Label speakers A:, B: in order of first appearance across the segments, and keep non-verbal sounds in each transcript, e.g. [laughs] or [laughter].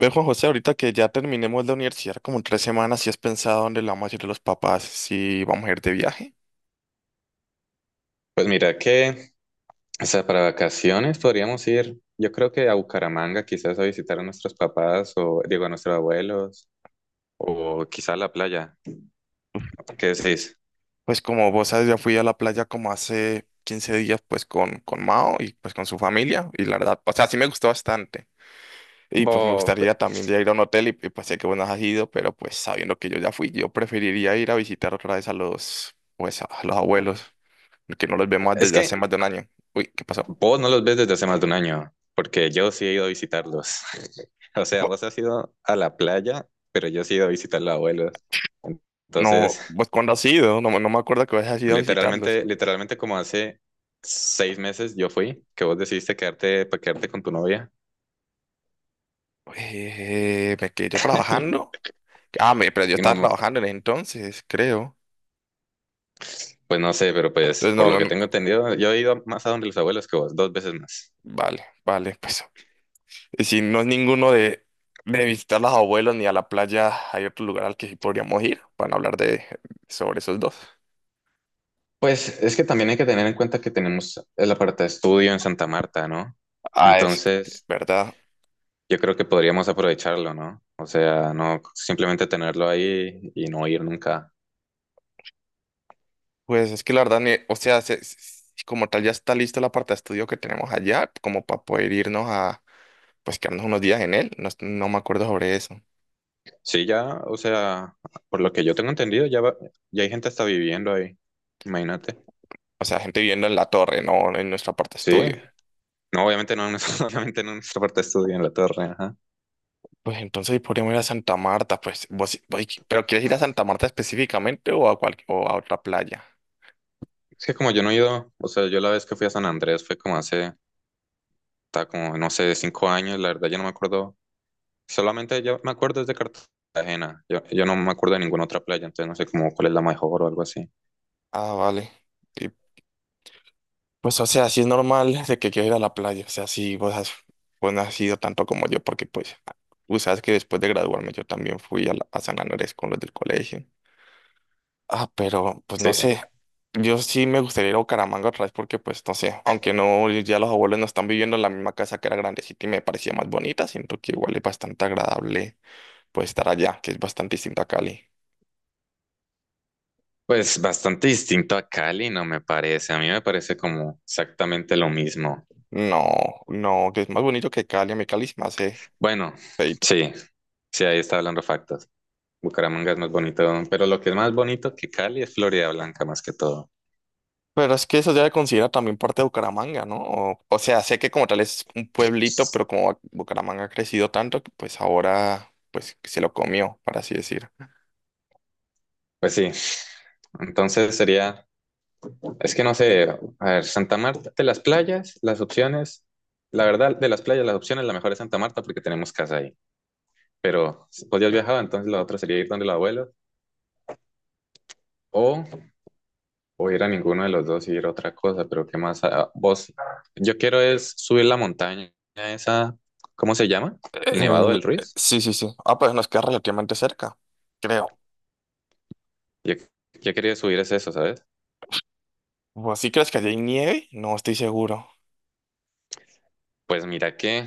A: Ve, Juan José, ahorita que ya terminemos la universidad, como en 3 semanas, si has pensado dónde le vamos a ir a los papás, si vamos a ir de viaje.
B: Pues mira que, o sea, para vacaciones podríamos ir, yo creo que a Bucaramanga, quizás a visitar a nuestros papás o, digo, a nuestros abuelos, o quizás a la playa. ¿Qué decís?
A: Pues como vos sabes, ya fui a la playa como hace 15 días, pues con Mao y pues con su familia, y la verdad, o sea, sí me gustó bastante. Y pues me
B: Vos,
A: gustaría también ya ir a un hotel, pues sé que vos no has ido, pero pues sabiendo que yo ya fui, yo preferiría ir a visitar otra vez a los, pues a los abuelos, que no los vemos
B: es
A: desde hace más
B: que
A: de un año. Uy, ¿qué pasó?
B: vos no los ves desde hace más de un año, porque yo sí he ido a visitarlos. [laughs] O sea,
A: Vo-
B: vos has ido a la playa, pero yo sí he ido a visitar a los abuelos.
A: No,
B: Entonces,
A: pues cuando has ido, no, no me acuerdo que vos has ido a visitarlos.
B: literalmente como hace 6 meses yo fui, que vos decidiste quedarte, para quedarte con tu novia.
A: Me quedé yo trabajando.
B: [laughs]
A: Ah, pero yo
B: Y
A: estaba
B: no,
A: trabajando en ese entonces, creo.
B: pues no sé, pero pues
A: Entonces,
B: por
A: no,
B: lo
A: no,
B: que
A: no.
B: tengo entendido, yo he ido más a donde los abuelos que vos, 2 veces más.
A: Vale, vale, pues. Y si no es ninguno de visitar a los abuelos ni a la playa, hay otro lugar al que sí podríamos ir para no hablar de, sobre esos dos.
B: Pues es que también hay que tener en cuenta que tenemos el aparta estudio en Santa Marta, ¿no?
A: Ah, es
B: Entonces,
A: verdad.
B: yo creo que podríamos aprovecharlo, ¿no? O sea, no simplemente tenerlo ahí y no ir nunca.
A: Pues es que la verdad, o sea, como tal ya está lista la parte de estudio que tenemos allá, como para poder irnos a, pues quedarnos unos días en él. No, no me acuerdo sobre eso.
B: Sí, ya, o sea, por lo que yo tengo entendido, ya, ya hay gente está viviendo ahí. Imagínate.
A: O sea, gente viviendo en la torre, no en nuestra parte de
B: Sí,
A: estudio.
B: no, obviamente no, [laughs] obviamente no en nuestra parte de estudio, en la torre, ajá.
A: Pues entonces podríamos ir a Santa Marta, pues vos, sí, pero ¿quieres ir a Santa Marta específicamente o a cual, o a otra playa?
B: Es que como yo no he ido, o sea, yo la vez que fui a San Andrés fue como hace está como, no sé, de 5 años, la verdad yo no me acuerdo, solamente yo me acuerdo es de Cartagena, yo no me acuerdo de ninguna otra playa, entonces no sé cómo cuál es la mejor o algo así.
A: Ah, vale. Y, pues o sea, sí es normal de que quieras ir a la playa, o sea, vos no has ido tanto como yo, porque pues tú sabes que después de graduarme yo también fui a, a San Andrés con los del colegio. Ah, pero pues
B: Sí,
A: no sé, yo sí me gustaría ir a Bucaramanga otra vez porque pues no sé, aunque no, ya los abuelos no están viviendo en la misma casa que era grandecita y me parecía más bonita, siento que igual es bastante agradable. Pues estar allá, que es bastante distinto a Cali.
B: pues bastante distinto a Cali, no me parece, a mí me parece como exactamente lo mismo.
A: No, no, que es más bonito que Cali. A mí Cali es más hace
B: Bueno,
A: feíto.
B: sí, sí, ahí está hablando factos. Bucaramanga es más bonito, pero lo que es más bonito que Cali es Florida Blanca más que todo.
A: Pero es que eso ya se considera también parte de Bucaramanga, ¿no? O sea, sé que como tal es un pueblito, pero como Bucaramanga ha crecido tanto, que pues ahora pues se lo comió, por así decir.
B: Pues sí, entonces sería... Es que no sé, a ver, Santa Marta, de las playas, las opciones, la verdad, de las playas, las opciones, la mejor es Santa Marta porque tenemos casa ahí. Pero si podías viajar, entonces la otra sería ir donde los abuelos o, o ir a ninguno de los dos y ir a otra cosa. Pero ¿qué más? Ah, vos, yo quiero es subir la montaña, esa, ¿cómo se llama? El Nevado del Ruiz.
A: Sí, sí, sí. Ah, pues nos queda relativamente cerca, creo.
B: Yo, yo quería subir es eso, ¿sabes?
A: ¿O ¿Así crees que allí hay nieve? No estoy seguro.
B: Pues mira que...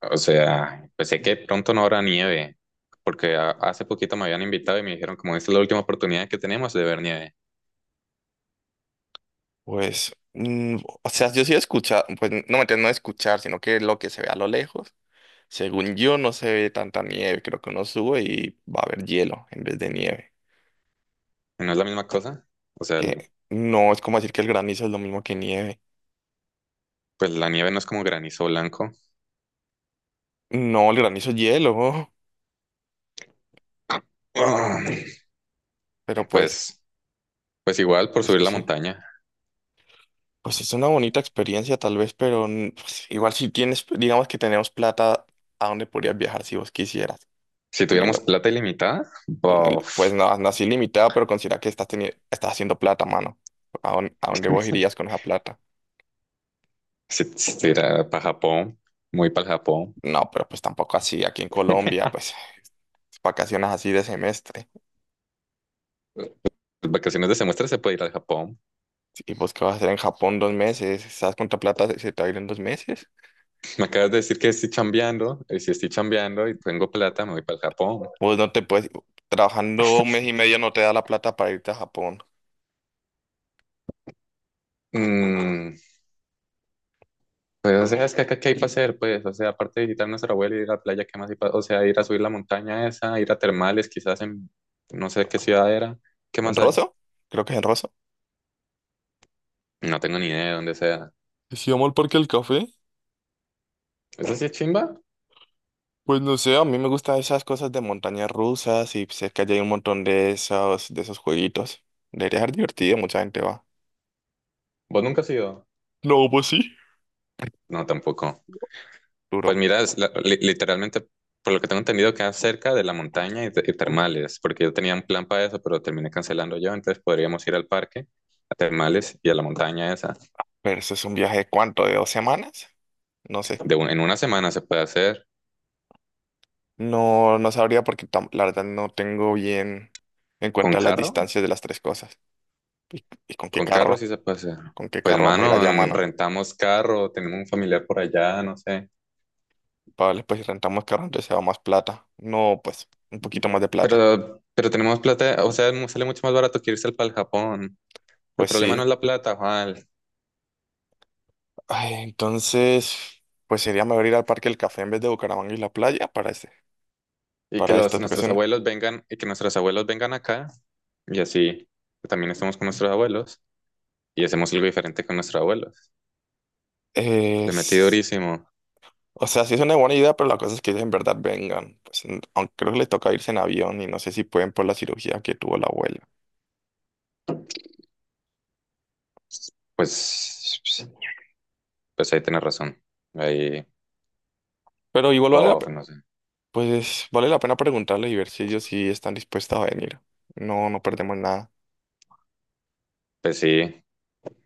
B: O sea, pues sé que pronto no habrá nieve, porque hace poquito me habían invitado y me dijeron como esta es la última oportunidad que tenemos de ver nieve.
A: Pues, o sea, yo sí he escuchado, pues no escuchar, sino que lo que se ve a lo lejos, según yo no se ve tanta nieve, creo que uno sube y va a haber hielo en vez de nieve,
B: ¿Y no es la misma cosa? O sea,
A: que no es como decir que el granizo es lo mismo que nieve,
B: pues la nieve no es como granizo blanco.
A: no, el granizo es hielo,
B: Ah,
A: [laughs] pero pues,
B: Pues, pues igual por subir la
A: sí,
B: montaña.
A: pues es una bonita experiencia tal vez, pero pues, igual si tienes, digamos que tenemos plata, ¿a dónde podrías viajar si vos quisieras?
B: Si tuviéramos
A: Teniendo
B: plata ilimitada,
A: Pues, no,
B: bof.
A: pues no, no así limitado, pero considera que estás, estás haciendo plata, mano. A dónde vos irías
B: [laughs]
A: con esa plata?
B: Si estuviera para Japón, muy para Japón.
A: No, pero pues tampoco así. Aquí en Colombia, pues vacaciones así de semestre.
B: Las vacaciones de semestre se puede ir al Japón.
A: Sí, ¿y vos qué vas a hacer en Japón 2 meses? ¿Sabes cuánta plata se te va a ir en 2 meses?
B: Me acabas de decir que estoy chambeando, y si estoy chambeando y tengo plata, me voy para el Japón.
A: Vos no te puedes... Trabajando un mes y medio no te da la plata para irte a Japón.
B: Mm. Pues, o sea, es que acá, ¿qué hay para hacer? Pues, o sea, aparte de visitar a nuestra abuela y ir a la playa, ¿qué más hay para... O sea, ir a subir la montaña esa, ir a termales, quizás en no sé qué ciudad era. ¿Qué
A: ¿En
B: más hay?
A: Rosso? Creo que es en Rosso.
B: No tengo ni idea de dónde sea.
A: Si vamos al Parque del Café.
B: ¿Eso sí es chimba?
A: Pues no sé, a mí me gustan esas cosas de montañas rusas y cerca ya hay un montón de esos jueguitos. Debería ser divertido, mucha gente va.
B: ¿Vos nunca has ido?
A: No, pues sí.
B: No, tampoco. Pues
A: Duro.
B: mira, es literalmente, por lo que tengo entendido, queda cerca de la montaña y, y termales, porque yo tenía un plan para eso, pero terminé cancelando yo, entonces podríamos ir al parque, a termales y a la montaña esa.
A: Pero eso es un viaje de cuánto, ¿de 2 semanas? No sé.
B: De en una semana se puede hacer.
A: No, no sabría porque la verdad no tengo bien en
B: ¿Con
A: cuenta las
B: carro?
A: distancias de las tres cosas. ¿Y con qué
B: Con carro
A: carro?
B: sí se puede hacer.
A: ¿Con qué
B: Pues,
A: carro vamos a ir
B: mano,
A: allá, mano?
B: rentamos carro, tenemos un familiar por allá, no sé.
A: Vale, pues si rentamos carro, entonces se va más plata. No, pues un poquito más de plata.
B: Pero tenemos plata, o sea, sale mucho más barato que irse al pa'l Japón. El
A: Pues
B: problema no
A: sí.
B: es la plata, Juan.
A: Ay, entonces, pues sería mejor ir al Parque del Café en vez de Bucaramanga y la playa para este,
B: Y que
A: para
B: los,
A: estas
B: nuestros
A: vacaciones.
B: abuelos vengan, y que nuestros abuelos vengan acá, y así que también estamos con nuestros abuelos, y hacemos algo diferente con nuestros abuelos. Le metí
A: Es
B: durísimo.
A: O sea, sí es una buena idea, pero la cosa es que ellos en verdad vengan. Pues, aunque creo que les toca irse en avión y no sé si pueden por la cirugía que tuvo la abuela.
B: Pues, pues ahí tienes razón. Ahí,
A: Pero igual vale la,
B: bof, no sé.
A: pues, vale la pena preguntarles y ver si ellos sí están dispuestos a venir. No, no perdemos nada.
B: Pues sí.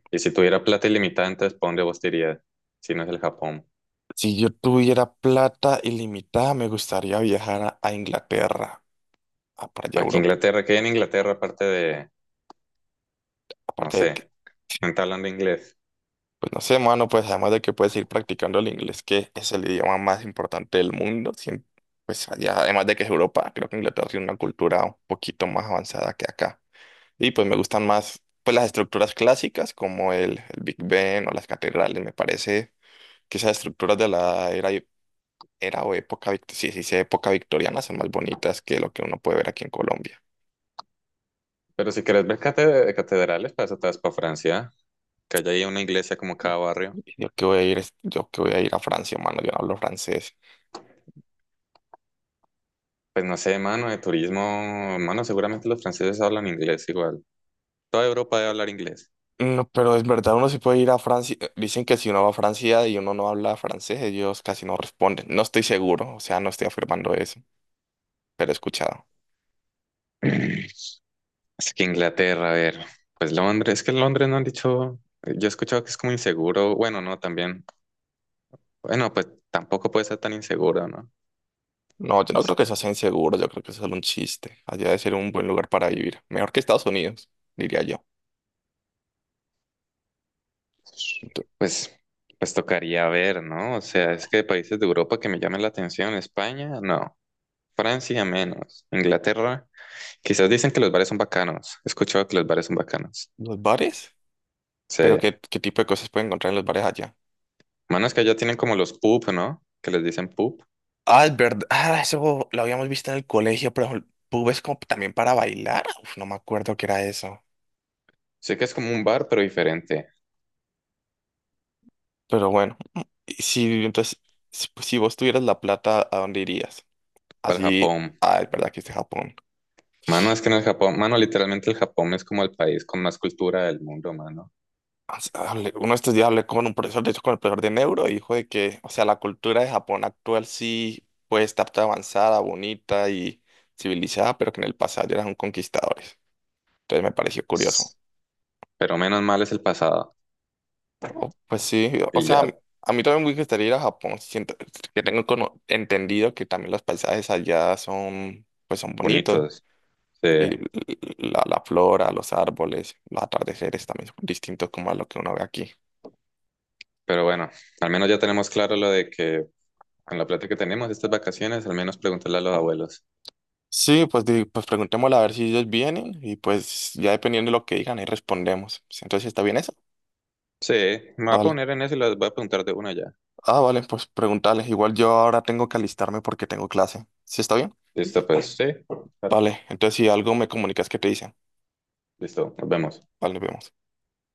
B: Y si tuviera plata ilimitada, entonces, ¿para dónde vos te irías? Si no es el Japón.
A: Si yo tuviera plata ilimitada, me gustaría viajar a Inglaterra, a, para allá a
B: ¿Para que
A: Europa.
B: Inglaterra? ¿Que hay en Inglaterra, aparte de, no
A: Aparte de que
B: sé,
A: [laughs]
B: no te hablan de inglés?
A: pues no sé, mano, pues además de que puedes ir practicando el inglés, que es el idioma más importante del mundo, pues allá, además de que es Europa, creo que Inglaterra tiene una cultura un poquito más avanzada que acá. Y pues me gustan más pues las estructuras clásicas como el Big Ben o las catedrales, me parece que esas estructuras de la era, era o época, sí, sí, sí, época victoriana son más bonitas que lo que uno puede ver aquí en Colombia.
B: Pero si quieres ver catedrales, para eso te vas para Francia, que haya ahí una iglesia como cada barrio.
A: Yo que voy a ir, yo que voy a ir a Francia, mano, yo no hablo francés.
B: Pues no sé, mano, de turismo, mano, seguramente los franceses hablan inglés igual. Toda Europa debe hablar inglés.
A: No, pero es verdad, uno sí puede ir a Francia. Dicen que si uno va a Francia y uno no habla francés, ellos casi no responden. No estoy seguro, o sea, no estoy afirmando eso, pero he escuchado.
B: [clears throat] Así que Inglaterra, a ver, pues Londres, es que Londres no han dicho, yo he escuchado que es como inseguro, bueno, no, también, bueno, pues tampoco puede ser tan inseguro, ¿no?
A: No, yo no creo que
B: O...
A: eso sea inseguro, yo creo que es solo un chiste. Allá debe ser un buen lugar para vivir. Mejor que Estados Unidos, diría yo. Ento-
B: Pues, pues tocaría ver, ¿no? O sea, es que de países de Europa que me llamen la atención, España, no. Francia, menos. Inglaterra, quizás dicen que los bares son bacanos. He escuchado que los bares son bacanos.
A: ¿Los bares?
B: Sí.
A: ¿Pero qué, qué tipo de cosas pueden encontrar en los bares allá?
B: Mano, es que allá tienen como los pub, ¿no? Que les dicen pub.
A: Ah, es verdad. Ah, eso lo habíamos visto en el colegio, pero pubes como también para bailar. Uf, no me acuerdo qué era eso.
B: Sé que es como un bar, pero diferente.
A: Pero bueno, y si entonces, si, pues, si vos tuvieras la plata, ¿a dónde irías?
B: Para el
A: Así,
B: Japón.
A: ah, es verdad que es de Japón.
B: Mano, es que en el Japón, mano, literalmente el Japón es como el país con más cultura del mundo, mano.
A: O sea, uno de estos días hablé con un profesor, de hecho con el profesor de neuro, y dijo de que, o sea, la cultura de Japón actual sí puede estar tan avanzada, bonita y civilizada, pero que en el pasado eran conquistadores. Entonces me pareció curioso.
B: S- Pero menos mal es el pasado.
A: Oh, pues sí, o
B: Y
A: sea,
B: ya,
A: a mí también me gustaría ir a Japón. Siento que tengo entendido que también los paisajes allá son, pues son bonitos.
B: bonitos. Sí.
A: Y la flora, los árboles, los atardeceres también son distintos como a lo que uno ve aquí.
B: Pero bueno. Al menos ya tenemos claro lo de que... Con la plata que tenemos estas vacaciones, al menos preguntarle a los abuelos.
A: Sí, pues, pues preguntémosle a ver si ellos vienen y pues ya dependiendo de lo que digan ahí respondemos. Sí, entonces, ¿está bien eso?
B: Sí, me voy a
A: Vale.
B: poner en eso y les voy a preguntar de una ya.
A: Ah, vale, pues preguntarles. Igual yo ahora tengo que alistarme porque tengo clase. ¿Sí está bien?
B: Listo, pues, sí. Claro.
A: Vale, entonces si algo me comunicas que te dicen.
B: Listo, nos vemos.
A: Vale, nos vemos.